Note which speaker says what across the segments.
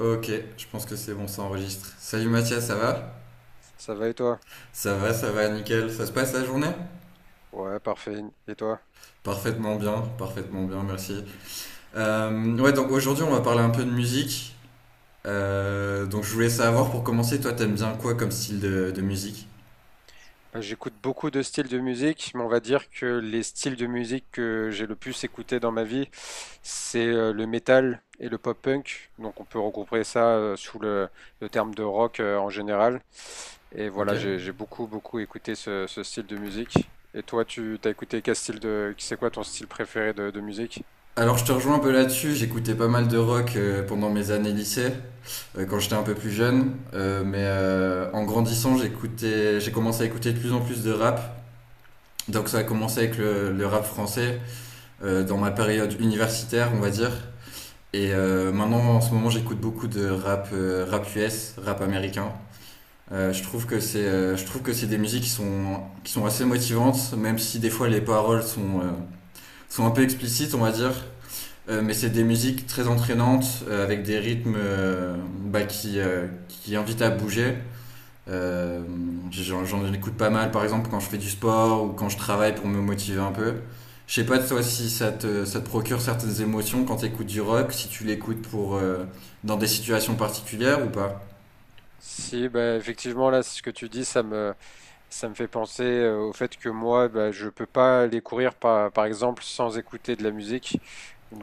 Speaker 1: Ok, je pense que c'est bon, ça enregistre. Salut Mathias, ça va?
Speaker 2: Ça va et toi?
Speaker 1: Ça va, ça va, nickel. Ça se passe la journée?
Speaker 2: Ouais, parfait. Et toi?
Speaker 1: Parfaitement bien, merci. Ouais, donc aujourd'hui on va parler un peu de musique. Donc je voulais savoir pour commencer, toi t'aimes bien quoi comme style de musique?
Speaker 2: Bah, j'écoute beaucoup de styles de musique, mais on va dire que les styles de musique que j'ai le plus écouté dans ma vie, c'est le métal et le pop-punk. Donc on peut regrouper ça sous le terme de rock en général. Et
Speaker 1: Ok.
Speaker 2: voilà, j'ai beaucoup, beaucoup écouté ce style de musique. Et toi, tu t'as écouté quel style de... C'est quoi ton style préféré de musique?
Speaker 1: Alors je te rejoins un peu là-dessus, j'écoutais pas mal de rock pendant mes années lycée, quand j'étais un peu plus jeune. En grandissant j'écoutais, j'ai commencé à écouter de plus en plus de rap. Donc ça a commencé avec le rap français, dans ma période universitaire, on va dire. Maintenant, en ce moment, j'écoute beaucoup de rap, rap US, rap américain. Je trouve que c'est des musiques qui sont assez motivantes, même si des fois les paroles sont un peu explicites, on va dire. Mais c'est des musiques très entraînantes, avec des rythmes qui invitent à bouger. Euh, J'en écoute pas mal, par exemple, quand je fais du sport ou quand je travaille pour me motiver un peu. Je sais pas toi si ça te procure certaines émotions quand tu écoutes du rock, si tu l'écoutes pour dans des situations particulières ou pas.
Speaker 2: Si, bah, effectivement, là, ce que tu dis, ça me fait penser au fait que moi, bah, je peux pas aller courir par exemple sans écouter de la musique.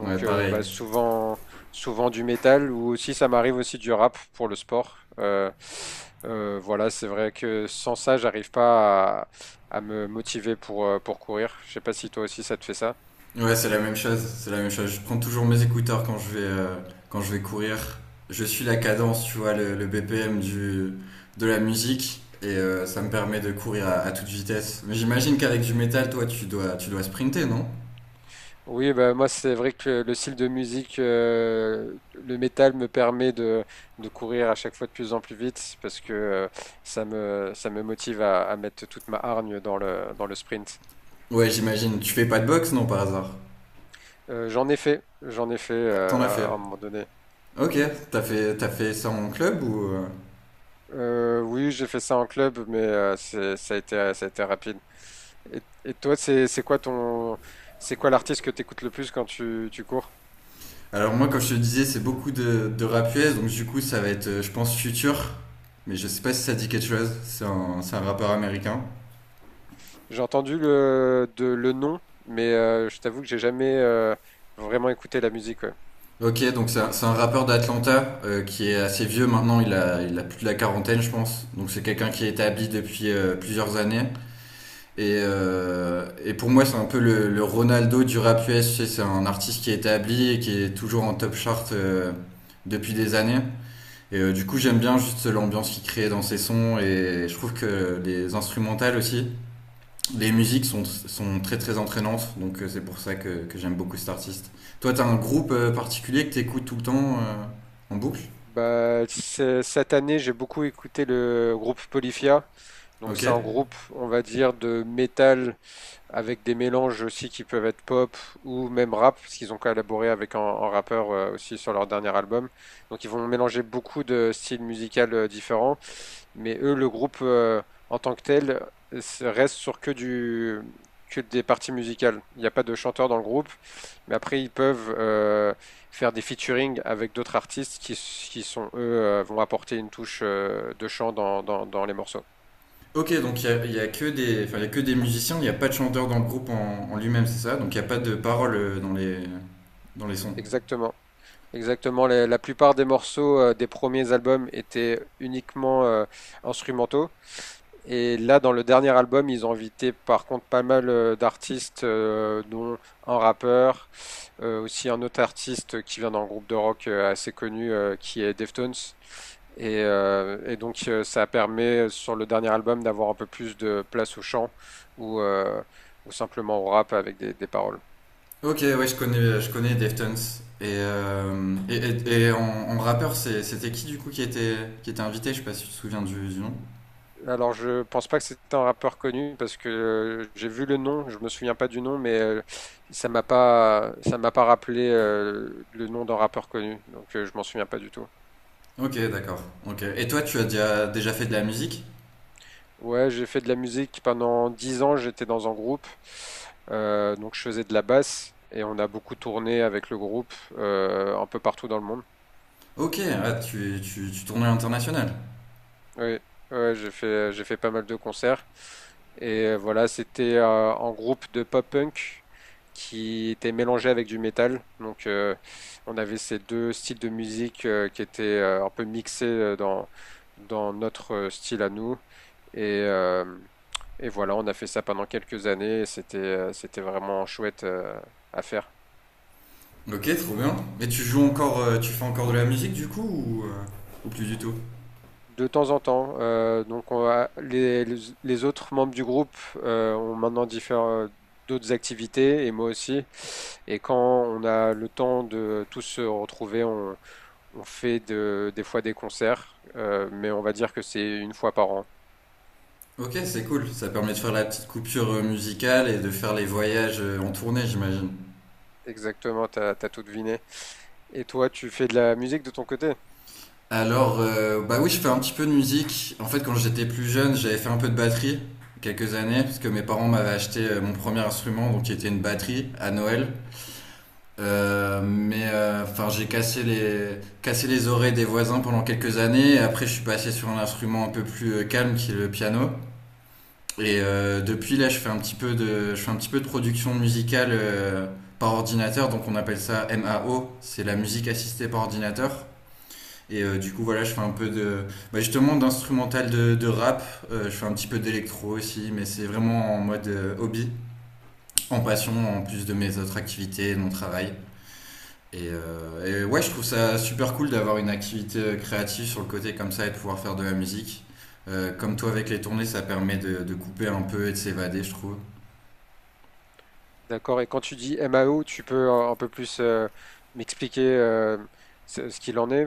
Speaker 1: Ouais, pareil.
Speaker 2: bah, souvent du métal ou aussi ça m'arrive aussi du rap pour le sport. Voilà, c'est vrai que sans ça, j'arrive pas à me motiver pour courir. Je sais pas si toi aussi ça te fait ça.
Speaker 1: Ouais, c'est la même chose. C'est la même chose. Je prends toujours mes écouteurs quand je vais courir. Je suis la cadence, tu vois, le BPM du de la musique et ça me permet de courir à toute vitesse. Mais j'imagine qu'avec du métal, toi, tu dois sprinter, non?
Speaker 2: Oui, bah, moi c'est vrai que le style de musique, le métal me permet de courir à chaque fois de plus en plus vite parce que ça me motive à mettre toute ma hargne dans le sprint.
Speaker 1: Ouais, j'imagine. Tu fais pas de boxe, non, par hasard?
Speaker 2: J'en ai fait
Speaker 1: Ah, t'en as fait.
Speaker 2: à un moment donné.
Speaker 1: Ok, t'as fait ça en club ou...
Speaker 2: Oui, j'ai fait ça en club, mais ça a été rapide. Et toi, c'est quoi c'est quoi l'artiste que tu écoutes le plus quand tu cours?
Speaker 1: Alors moi, comme je te disais, c'est beaucoup de rap US, donc du coup, ça va être, je pense, Future. Mais je sais pas si ça dit quelque chose. C'est c'est un rappeur américain.
Speaker 2: J'ai entendu le nom, mais je t'avoue que j'ai jamais vraiment écouté la musique. Ouais.
Speaker 1: Ok, donc c'est c'est un rappeur d'Atlanta qui est assez vieux maintenant. Il a plus de la quarantaine, je pense. Donc c'est quelqu'un qui est établi depuis plusieurs années. Pour moi, c'est un peu le Ronaldo du rap US. Tu sais, c'est un artiste qui est établi et qui est toujours en top chart depuis des années. Du coup, j'aime bien juste l'ambiance qu'il crée dans ses sons. Et je trouve que les instrumentales aussi, les musiques sont très très entraînantes. C'est pour ça que j'aime beaucoup cet artiste. Toi, t'as un groupe particulier que t'écoutes tout le temps en boucle.
Speaker 2: Bah, cette année, j'ai beaucoup écouté le groupe Polyphia. Donc,
Speaker 1: Ok.
Speaker 2: c'est un groupe, on va dire, de métal avec des mélanges aussi qui peuvent être pop ou même rap, parce qu'ils ont collaboré avec un rappeur aussi sur leur dernier album. Donc, ils vont mélanger beaucoup de styles musicaux différents. Mais eux, le groupe en tant que tel reste sur que des parties musicales. Il n'y a pas de chanteur dans le groupe, mais après ils peuvent faire des featuring avec d'autres artistes qui sont eux vont apporter une touche de chant dans les morceaux.
Speaker 1: Ok, donc il y a que des, enfin, il y a que des musiciens, il n'y a pas de chanteur dans le groupe en lui-même, c'est ça? Donc il n'y a pas de paroles dans dans les sons.
Speaker 2: Exactement. Exactement. La plupart des morceaux des premiers albums étaient uniquement instrumentaux. Et là, dans le dernier album, ils ont invité par contre pas mal d'artistes, dont un rappeur, aussi un autre artiste qui vient d'un groupe de rock assez connu qui est Deftones. Et donc ça permet sur le dernier album d'avoir un peu plus de place au chant ou, euh, ou simplement au rap avec des paroles.
Speaker 1: Ok, ouais, je connais Deftones. Et, euh, et, et- et en, En rappeur, c'était qui du coup qui était invité? Je sais pas si tu te souviens du nom.
Speaker 2: Alors, je pense pas que c'était un rappeur connu parce que j'ai vu le nom, je me souviens pas du nom, mais ça m'a pas rappelé le nom d'un rappeur connu, donc je m'en souviens pas du tout.
Speaker 1: Ok, d'accord. Ok. Et toi, tu as déjà fait de la musique?
Speaker 2: Ouais, j'ai fait de la musique pendant 10 ans, j'étais dans un groupe, donc je faisais de la basse et on a beaucoup tourné avec le groupe un peu partout dans le monde.
Speaker 1: Ok, ah, tu tournes à l'international.
Speaker 2: Oui, ouais, j'ai fait pas mal de concerts. Et voilà, c'était en groupe de pop-punk qui était mélangé avec du métal. Donc on avait ces deux styles de musique qui étaient un peu mixés dans notre style à nous. Et, euh, et voilà, on a fait ça pendant quelques années et c'était vraiment chouette à faire.
Speaker 1: Ok, trop bien. Et tu joues encore, tu fais encore de la musique du coup ou plus du tout?
Speaker 2: De temps en temps, donc on va les autres membres du groupe, ont maintenant différents d'autres activités et moi aussi et quand on a le temps de tous se retrouver, on fait de des fois des concerts, mais on va dire que c'est une fois par an.
Speaker 1: Ok, c'est cool. Ça permet de faire la petite coupure musicale et de faire les voyages en tournée, j'imagine.
Speaker 2: Exactement, t'as as tout deviné et toi, tu fais de la musique de ton côté?
Speaker 1: Alors, bah oui, je fais un petit peu de musique. En fait, quand j'étais plus jeune, j'avais fait un peu de batterie quelques années, parce que mes parents m'avaient acheté mon premier instrument, donc qui était une batterie à Noël. Enfin, j'ai cassé les oreilles des voisins pendant quelques années. Et après, je suis passé sur un instrument un peu plus calme, qui est le piano. Depuis là, je fais un petit peu de, je fais un petit peu de production musicale par ordinateur, donc on appelle ça MAO, c'est la musique assistée par ordinateur. Du coup, voilà, je fais un peu de, bah, justement, d'instrumental de rap. Je fais un petit peu d'électro aussi, mais c'est vraiment en mode hobby, en passion, en plus de mes autres activités et de mon travail. Ouais, je trouve ça super cool d'avoir une activité créative sur le côté comme ça et de pouvoir faire de la musique. Comme toi avec les tournées, ça permet de couper un peu et de s'évader, je trouve.
Speaker 2: D'accord et quand tu dis MAO, tu peux un peu plus, m'expliquer, ce qu'il en est?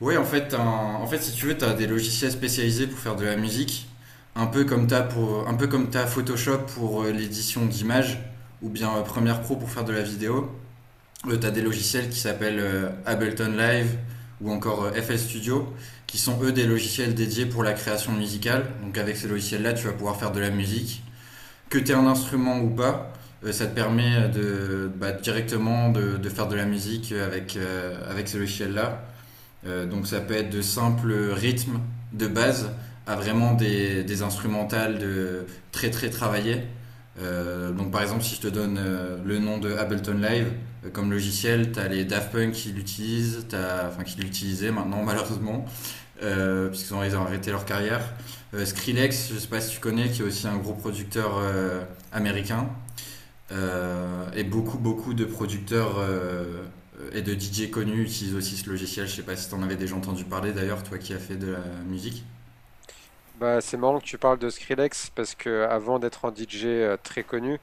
Speaker 1: Oui, en fait, en fait, si tu veux, tu as des logiciels spécialisés pour faire de la musique, un peu comme tu as pour, un peu comme t'as Photoshop pour l'édition d'images, ou bien Premiere Pro pour faire de la vidéo. Tu as des logiciels qui s'appellent Ableton Live ou encore FL Studio, qui sont eux des logiciels dédiés pour la création musicale. Donc avec ces logiciels-là, tu vas pouvoir faire de la musique. Que tu aies un instrument ou pas, ça te permet de, bah, directement de faire de la musique avec, avec ces logiciels-là. Donc ça peut être de simples rythmes de base à vraiment des instrumentales de très très travaillées. Donc par exemple si je te donne le nom de Ableton Live comme logiciel, t'as les Daft Punk qui l'utilisent, enfin qui l'utilisaient maintenant malheureusement, puisqu'ils ont arrêté leur carrière. Skrillex, je sais pas si tu connais, qui est aussi un gros producteur américain. Et beaucoup, beaucoup de producteurs et de DJ connus utilisent aussi ce logiciel. Je sais pas si t'en avais déjà entendu parler d'ailleurs, toi qui as fait de la musique.
Speaker 2: Bah, c'est marrant que tu parles de Skrillex parce que avant d'être un DJ très connu,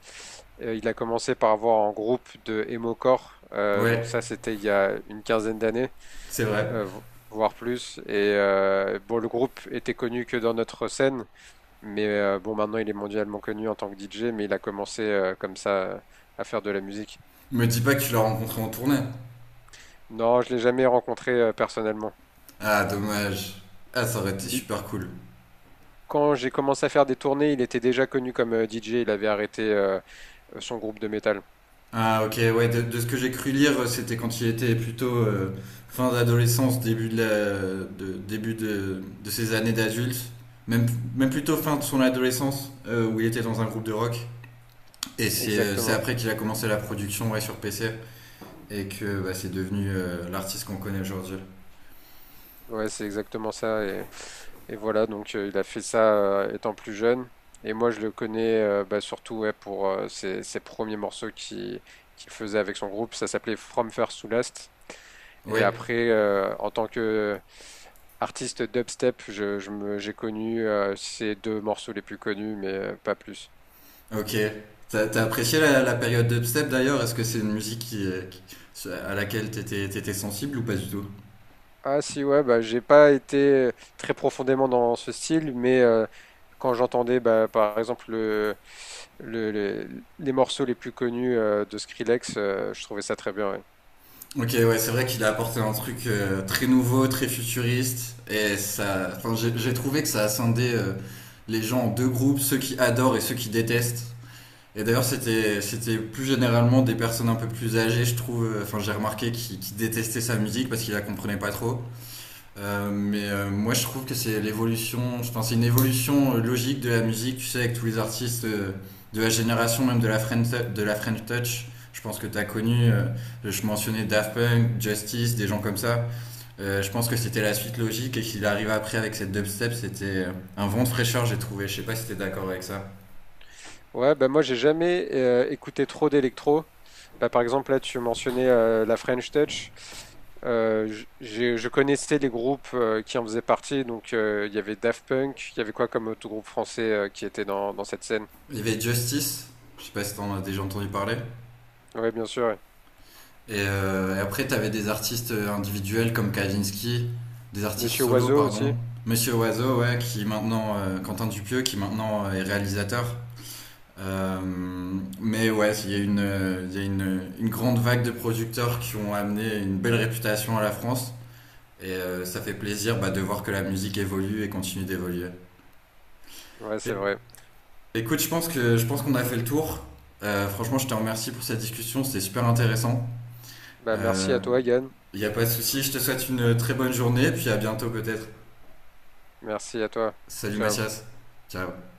Speaker 2: il a commencé par avoir un groupe de emocore. Donc
Speaker 1: Ouais,
Speaker 2: ça, c'était il y a une quinzaine d'années,
Speaker 1: c'est vrai.
Speaker 2: voire plus. Et bon, le groupe était connu que dans notre scène, mais bon, maintenant il est mondialement connu en tant que DJ, mais il a commencé comme ça à faire de la musique.
Speaker 1: Me dis pas que tu l'as rencontré en tournée.
Speaker 2: Non, je l'ai jamais rencontré personnellement.
Speaker 1: Ah, dommage. Ah, ça aurait été
Speaker 2: Il-
Speaker 1: super cool.
Speaker 2: Quand j'ai commencé à faire des tournées, il était déjà connu comme DJ. Il avait arrêté son groupe de métal.
Speaker 1: Ah, ok, ouais, de ce que j'ai cru lire, c'était quand il était plutôt fin d'adolescence, début début de ses années d'adulte. Même, Même plutôt fin de son adolescence, où il était dans un groupe de rock. C'est
Speaker 2: Exactement.
Speaker 1: après qu'il a commencé la production, ouais, sur PC et que bah, c'est devenu l'artiste qu'on connaît aujourd'hui.
Speaker 2: Ouais, c'est exactement ça. Et voilà, donc il a fait ça étant plus jeune. Et moi, je le connais bah, surtout ouais, pour ses premiers morceaux qu'il faisait avec son groupe. Ça s'appelait From First to Last. Et
Speaker 1: Oui,
Speaker 2: après, en tant que artiste dubstep, j'ai connu ces deux morceaux les plus connus, mais pas plus.
Speaker 1: ok. T'as apprécié la, la période dubstep d'ailleurs? Est-ce que c'est une musique qui, à laquelle t'étais sensible ou pas du tout?
Speaker 2: Ah si, ouais, bah, j'ai pas été très profondément dans ce style, mais quand j'entendais bah, par exemple les morceaux les plus connus de Skrillex, je trouvais ça très bien. Ouais,
Speaker 1: Ok, ouais, c'est vrai qu'il a apporté un truc très nouveau, très futuriste et ça. Enfin, j'ai trouvé que ça a scindé les gens en deux groupes, ceux qui adorent et ceux qui détestent. C'était plus généralement des personnes un peu plus âgées, je trouve. Enfin, j'ai remarqué qui détestaient sa musique parce qu'ils la comprenaient pas trop. Moi, je trouve que c'est l'évolution. Enfin, c'est une évolution logique de la musique. Tu sais, avec tous les artistes de la génération, même de de la French Touch. Je pense que tu as connu, je mentionnais Daft Punk, Justice, des gens comme ça. Je pense que c'était la suite logique et qu'il arrive après avec cette dubstep, c'était un vent de fraîcheur, j'ai trouvé. Je sais pas si tu es d'accord avec ça.
Speaker 2: Ouais, bah moi j'ai jamais écouté trop d'électro. Bah, par exemple là tu mentionnais la French Touch. Je connaissais les groupes qui en faisaient partie, donc il y avait Daft Punk, il y avait quoi comme autre groupe français qui était dans cette scène?
Speaker 1: Il y avait Justice, je sais pas si t'en as déjà entendu parler.
Speaker 2: Oui, bien sûr. Ouais.
Speaker 1: Après, t'avais des artistes individuels comme Kavinsky, des artistes
Speaker 2: Monsieur
Speaker 1: solo,
Speaker 2: Oiseau
Speaker 1: pardon.
Speaker 2: aussi.
Speaker 1: Monsieur Oiseau, ouais, qui maintenant, Quentin Dupieux, qui maintenant est réalisateur. Euh, ouais, il y a une grande vague de producteurs qui ont amené une belle réputation à la France. Ça fait plaisir, bah, de voir que la musique évolue et continue d'évoluer.
Speaker 2: Ouais,
Speaker 1: É-
Speaker 2: c'est vrai.
Speaker 1: Écoute, je pense que je pense qu'on a fait le tour. Franchement, je te remercie pour cette discussion, c'était super intéressant.
Speaker 2: Bah merci à toi, Yann.
Speaker 1: Il n'y a pas de souci, je te souhaite une très bonne journée, puis à bientôt peut-être.
Speaker 2: Merci à toi.
Speaker 1: Salut
Speaker 2: Ciao.
Speaker 1: Mathias. Ciao.